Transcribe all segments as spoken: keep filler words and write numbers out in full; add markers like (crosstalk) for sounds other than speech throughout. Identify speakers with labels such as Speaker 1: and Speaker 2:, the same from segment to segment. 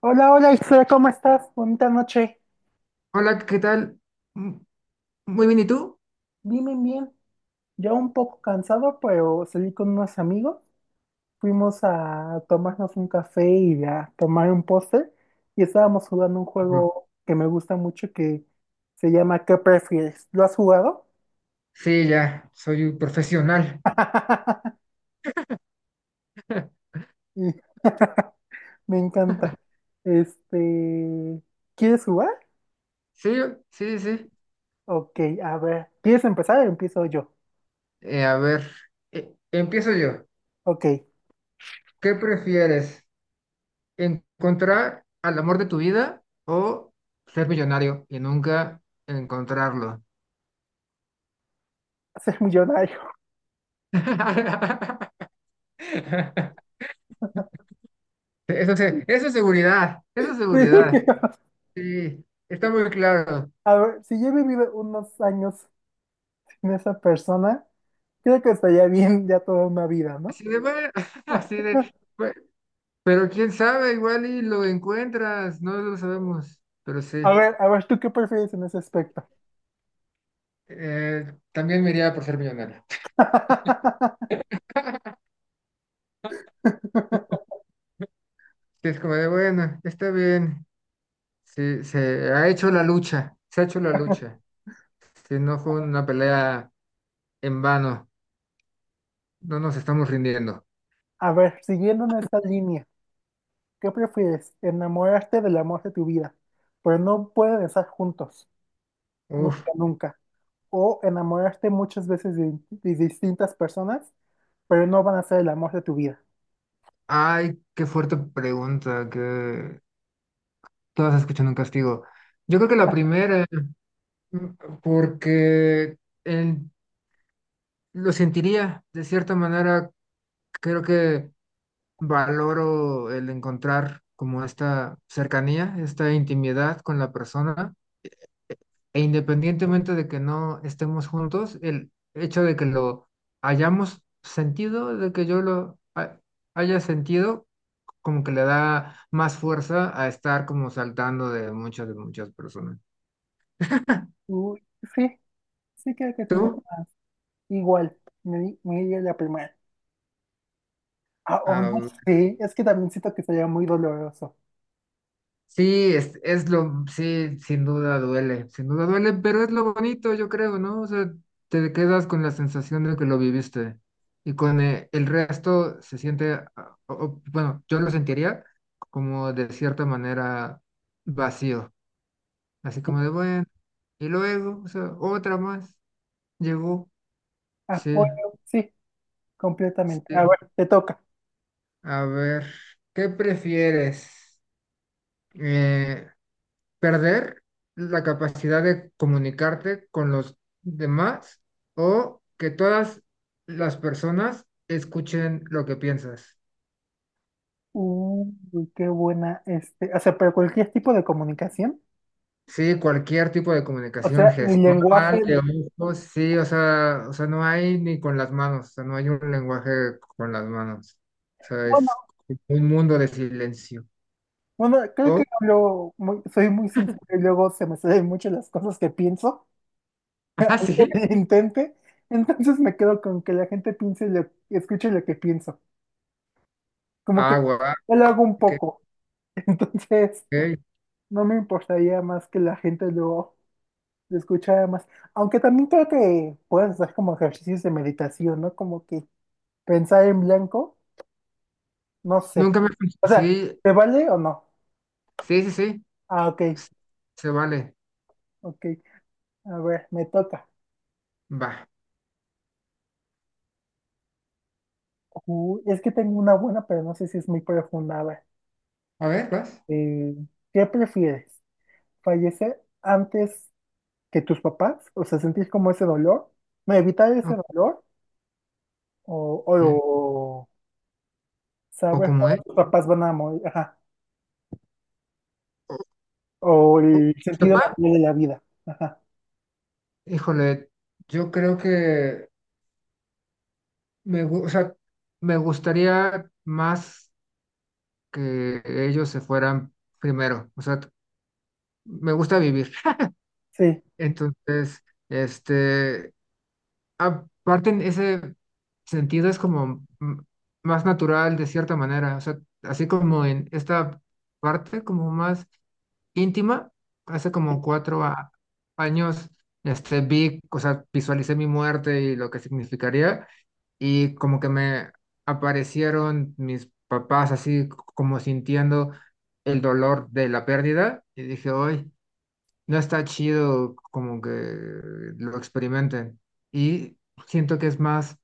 Speaker 1: Hola, hola Isra, ¿cómo estás? Bonita noche.
Speaker 2: Hola, ¿qué tal? Mm, muy bien, ¿y tú?
Speaker 1: Bien, bien, bien. Ya un poco cansado, pero salí con unos amigos. Fuimos a tomarnos un café y a tomar un postre. Y estábamos jugando un
Speaker 2: Mm.
Speaker 1: juego que me gusta mucho que se llama ¿Qué prefieres? ¿Lo has jugado?
Speaker 2: Sí, ya, soy un profesional.
Speaker 1: (laughs)
Speaker 2: (laughs)
Speaker 1: Y- (laughs) Me encanta. Este, ¿quieres jugar?
Speaker 2: Sí, sí, sí.
Speaker 1: Ok, a ver. ¿Quieres empezar o empiezo yo?
Speaker 2: Eh, a ver, eh, empiezo yo.
Speaker 1: Ok,
Speaker 2: ¿Qué prefieres? ¿Encontrar al amor de tu vida o ser millonario y nunca encontrarlo?
Speaker 1: ser millonario.
Speaker 2: (laughs) Eso, se- eso es seguridad, eso es seguridad.
Speaker 1: (laughs)
Speaker 2: Sí, está muy claro.
Speaker 1: A ver, si yo he vivido unos años sin esa persona, creo que estaría bien ya toda una vida, ¿no?
Speaker 2: Así de, bueno, (laughs) así de, pero quién sabe, igual y lo encuentras, no lo sabemos, pero sí.
Speaker 1: A ver, a ver, ¿tú qué prefieres en ese aspecto?
Speaker 2: Eh, también me iría por ser millonario. (laughs)
Speaker 1: (laughs)
Speaker 2: Es como de, bueno, está bien, sí, se ha hecho la lucha, se ha hecho la lucha. Si no fue una pelea en vano, no nos estamos rindiendo.
Speaker 1: A ver, siguiendo en esta línea, ¿qué prefieres? ¿Enamorarte del amor de tu vida, pero no pueden estar juntos,
Speaker 2: Uf,
Speaker 1: nunca, nunca? ¿O enamorarte muchas veces de, de distintas personas, pero no van a ser el amor de tu vida?
Speaker 2: ay, qué fuerte pregunta, que todas escuchan un castigo. Yo creo que la primera, mm, porque en- lo sentiría de cierta manera. Creo que valoro el encontrar como esta cercanía, esta intimidad con la persona, e independientemente de que no estemos juntos, el hecho de que lo hayamos sentido, de que yo lo ha- haya sentido, como que le da más fuerza a estar como saltando de muchas, de muchas personas.
Speaker 1: Uy, sí, sí creo que tiene
Speaker 2: ¿Tú?
Speaker 1: más. Igual, me, di- me iría la primera. Ah, o no
Speaker 2: Ah,
Speaker 1: sé, es que también siento que sería muy doloroso.
Speaker 2: sí, es, es lo, sí, sin duda duele, sin duda duele, pero es lo bonito, yo creo, ¿no? O sea, te quedas con la sensación de que lo viviste y con eh, el resto se siente, ah, o- o, bueno, yo lo sentiría como de cierta manera vacío, así
Speaker 1: Sí,
Speaker 2: como de, bueno, y luego, o sea, otra más, llegó, sí,
Speaker 1: apoyo, sí, completamente. A
Speaker 2: sí.
Speaker 1: ver, te toca.
Speaker 2: A ver, ¿qué prefieres? Eh, Perder la capacidad de comunicarte con los demás o que todas las personas escuchen lo que piensas.
Speaker 1: Uy, qué buena, este, o sea, pero cualquier tipo de comunicación.
Speaker 2: Sí, cualquier tipo de
Speaker 1: O
Speaker 2: comunicación
Speaker 1: sea, mi
Speaker 2: gestual,
Speaker 1: lenguaje,
Speaker 2: de ojos, sí, o sea, o sea, no hay ni con las manos, o sea, no hay un lenguaje con las manos. O sea,
Speaker 1: no, no,
Speaker 2: es un mundo de silencio.
Speaker 1: bueno, creo que
Speaker 2: Oh,
Speaker 1: hablo muy, soy muy sincero y luego se me salen mucho las cosas que pienso, (laughs)
Speaker 2: (laughs) ah,
Speaker 1: aunque
Speaker 2: sí.
Speaker 1: me lo intente, entonces me quedo con que la gente piense lo, escuche lo que pienso. Como que
Speaker 2: Ah, guau,
Speaker 1: yo lo hago un
Speaker 2: ok,
Speaker 1: poco, (laughs) entonces
Speaker 2: ok.
Speaker 1: no me importaría más que la gente lo... se escucha más. Aunque también creo que puedes hacer como ejercicios de meditación, ¿no? Como que pensar en blanco, no sé.
Speaker 2: Nunca me...
Speaker 1: O sea,
Speaker 2: Sí,
Speaker 1: ¿te vale o no?
Speaker 2: sí, sí, sí.
Speaker 1: Ah, ok,
Speaker 2: Se vale.
Speaker 1: ok. A ver, me toca.
Speaker 2: Va.
Speaker 1: Uh, es que tengo una buena, pero no sé si es muy profunda. A ver,
Speaker 2: A ver, vas.
Speaker 1: eh, ¿qué prefieres? ¿Fallecer antes que tus papás? O sea, sentir como ese dolor. No, evitar ese
Speaker 2: Ok.
Speaker 1: dolor. O, o
Speaker 2: O
Speaker 1: saber
Speaker 2: como
Speaker 1: cuándo
Speaker 2: es.
Speaker 1: tus papás van a morir. Ajá.
Speaker 2: o-
Speaker 1: O el sentido
Speaker 2: Sopa,
Speaker 1: natural de la vida. Ajá.
Speaker 2: híjole, yo creo que me, gu- o sea, me gustaría más que ellos se fueran primero. O sea, me gusta vivir. (laughs)
Speaker 1: Sí,
Speaker 2: Entonces, este, aparte en ese sentido es como mm, más natural de cierta manera. O sea, así como en esta parte como más íntima. Hace como cuatro a- años, este, vi, o sea, visualicé mi muerte y lo que significaría, y como que me aparecieron mis papás así c- como sintiendo el dolor de la pérdida, y dije, hoy no está chido como que lo experimenten. Y siento que es más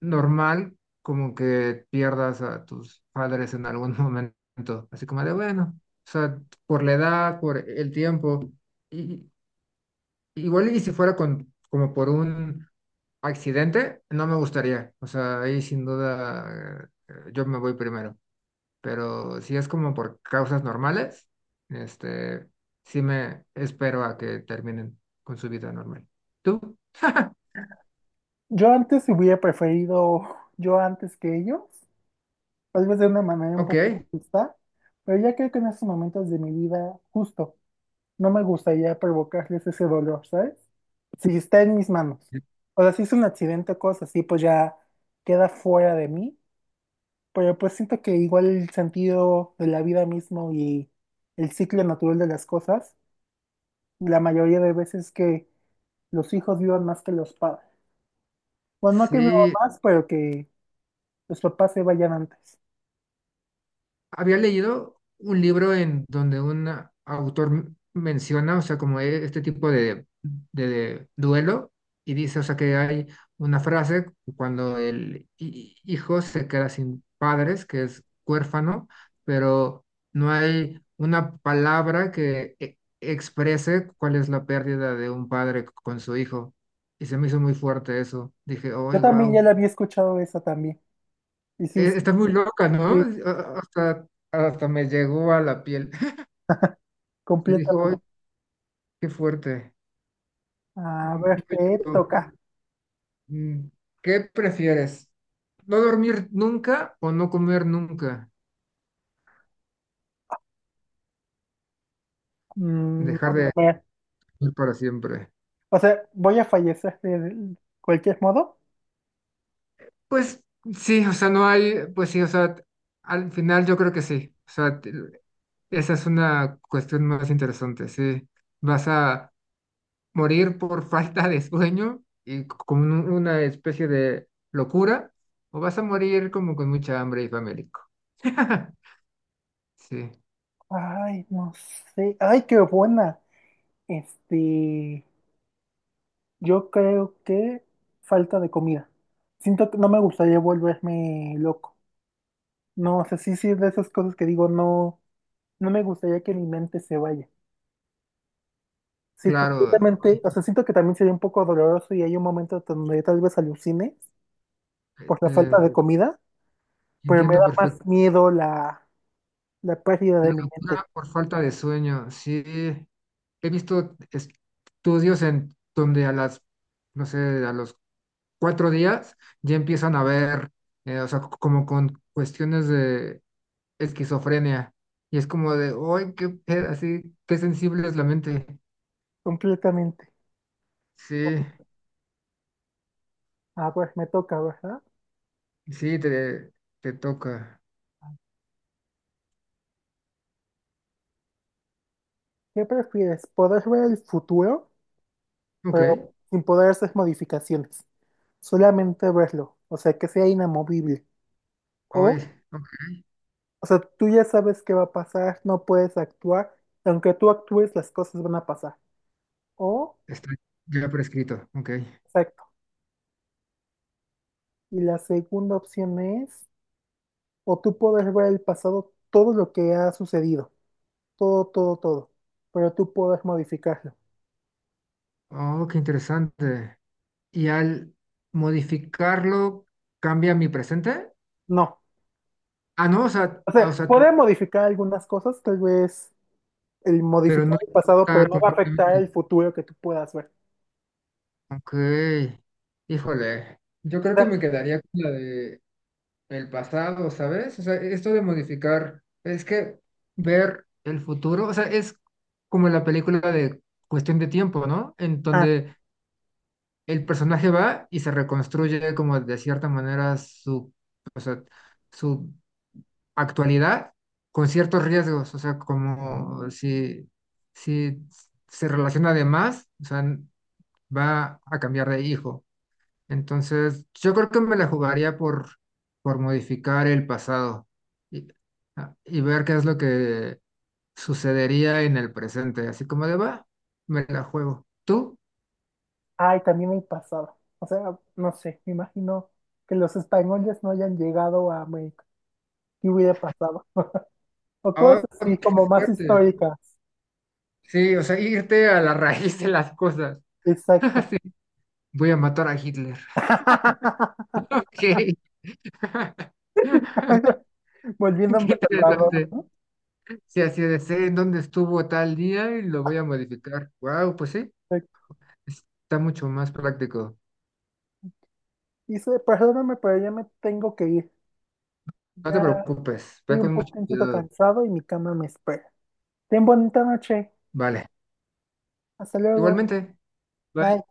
Speaker 2: normal como que pierdas a tus padres en algún (laughs) momento, así como de bueno, o sea, por la edad, por el tiempo, y, igual y si fuera con, como por un accidente, no me gustaría, o sea, ahí sin duda eh, yo me voy primero, pero si es como por causas normales, este, sí me espero a que terminen con su vida normal. ¿Tú? (laughs)
Speaker 1: yo antes hubiera preferido yo antes que ellos, tal vez de una manera un
Speaker 2: Ok.
Speaker 1: poco justa, pero ya creo que en estos momentos de mi vida, justo, no me gustaría provocarles ese dolor, ¿sabes? Si está en mis manos. O sea, si es un accidente o cosas así, pues ya queda fuera de mí, pero pues siento que igual el sentido de la vida mismo y el ciclo natural de las cosas, la mayoría de veces que los hijos vivan más que los padres. Bueno, no que vivan
Speaker 2: Sí,
Speaker 1: más, pero que los papás se vayan antes.
Speaker 2: había leído un libro en donde un autor m- menciona, o sea, como e- este tipo de, de- de duelo, y dice, o sea, que hay una frase cuando el hi- hijo se queda sin padres, que es huérfano, pero no hay una palabra que e- exprese cuál es la pérdida de un padre con su hijo. Y se me hizo muy fuerte eso. Dije, oh,
Speaker 1: Yo también ya
Speaker 2: wow,
Speaker 1: la había escuchado esa también. Y sí, sí,
Speaker 2: está muy loca, ¿no?
Speaker 1: sí,
Speaker 2: O- o- Hasta, hasta me llegó a la piel. Y dijo: "Ay,
Speaker 1: completamente.
Speaker 2: qué fuerte".
Speaker 1: A ver, te toca.
Speaker 2: Mm, ¿qué prefieres? ¿No dormir nunca o no comer nunca?
Speaker 1: Mm,
Speaker 2: Dejar
Speaker 1: no
Speaker 2: de
Speaker 1: comer.
Speaker 2: comer para siempre.
Speaker 1: O sea, voy a fallecer de cualquier modo.
Speaker 2: Pues sí, o sea, no hay, pues sí, o sea, al final yo creo que sí. O sea, te- esa es una cuestión más interesante, sí. Vas a morir por (laughs) falta de sueño y con un- una especie de locura, o vas a morir como con mucha hambre y famélico. (laughs) Sí,
Speaker 1: Ay, no sé. Ay, qué buena. Este, yo creo que falta de comida. Siento que no me gustaría volverme loco. No, o sea, sí, sí, es de esas cosas que digo, no, no me gustaría que mi mente se vaya. Sí,
Speaker 2: claro.
Speaker 1: completamente. O sea, siento que también sería un poco doloroso y hay un momento donde tal vez alucine por la falta de
Speaker 2: Te
Speaker 1: comida, pero me
Speaker 2: entiendo
Speaker 1: da más
Speaker 2: perfectamente.
Speaker 1: miedo la, la pérdida de
Speaker 2: La
Speaker 1: mi
Speaker 2: locura
Speaker 1: mente.
Speaker 2: por falta de sueño, sí. He visto estudios en donde a las, no sé, a los cuatro días ya empiezan a ver, eh, o sea, c- como con cuestiones de esquizofrenia. Y es como de, ¡ay, qué pedo! Así, qué sensible es la mente.
Speaker 1: Completamente.
Speaker 2: Sí,
Speaker 1: A ver, me toca, ¿verdad?
Speaker 2: sí, te, te toca.
Speaker 1: ¿Qué prefieres? ¿Poder ver el futuro,
Speaker 2: Ok,
Speaker 1: pero sin poder hacer modificaciones? Solamente verlo, o sea, que sea inamovible.
Speaker 2: hoy,
Speaker 1: O, o sea, tú ya sabes qué va a pasar, no puedes actuar, y aunque tú actúes, las cosas van a pasar. O,
Speaker 2: está ya prescrito. Ok.
Speaker 1: o sea, Y la segunda opción es, o tú puedes ver el pasado, todo lo que ha sucedido, todo, todo, todo, pero tú puedes modificarlo.
Speaker 2: Oh, qué interesante. Y al modificarlo cambia mi presente.
Speaker 1: No.
Speaker 2: Ah, no, o sea,
Speaker 1: O
Speaker 2: ah, o
Speaker 1: sea,
Speaker 2: sea,
Speaker 1: puedes modificar algunas cosas, tal vez el
Speaker 2: pero no
Speaker 1: modificar el pasado,
Speaker 2: está
Speaker 1: pero no va a afectar
Speaker 2: completamente.
Speaker 1: el futuro que tú puedas ver.
Speaker 2: Ok, híjole, yo creo
Speaker 1: O
Speaker 2: que
Speaker 1: sea,
Speaker 2: me quedaría con la de el pasado, ¿sabes? O sea, esto de modificar, es que ver el futuro, o sea, es como la película de Cuestión de Tiempo, ¿no? En
Speaker 1: ah,
Speaker 2: donde el personaje va y se reconstruye como de cierta manera su, o sea, su actualidad con ciertos riesgos, o sea, como si, si se relaciona de más, o sea, n- va a cambiar de hijo. Entonces, yo creo que me la jugaría por, por modificar el pasado y, a- y ver qué es lo que sucedería en el presente, así como de va, me la juego. ¿Tú?
Speaker 1: ay, también el pasado. O sea, no sé, me imagino que los españoles no hayan llegado a América. ¿Qué hubiera pasado? O cosas
Speaker 2: Ahora,
Speaker 1: así como más
Speaker 2: fíjate.
Speaker 1: históricas.
Speaker 2: Sí, o sea, irte a la raíz de las cosas. (laughs)
Speaker 1: Exacto.
Speaker 2: Sí, voy a matar a Hitler. (laughs)
Speaker 1: (laughs)
Speaker 2: Ok. (laughs) (laughs)
Speaker 1: Volviéndome
Speaker 2: Qué
Speaker 1: salvador,
Speaker 2: interesante.
Speaker 1: ¿no?
Speaker 2: Si así de sé en dónde estuvo tal día y lo voy a modificar. Wow, pues sí,
Speaker 1: De-
Speaker 2: está mucho más práctico.
Speaker 1: Dice, perdóname, pero ya me tengo que ir.
Speaker 2: No te
Speaker 1: Ya
Speaker 2: preocupes, ve
Speaker 1: estoy un
Speaker 2: con mucho
Speaker 1: poquito
Speaker 2: cuidado.
Speaker 1: cansado y mi cama me espera. Ten bonita noche.
Speaker 2: Vale,
Speaker 1: Hasta luego.
Speaker 2: igualmente. Bye.
Speaker 1: Bye.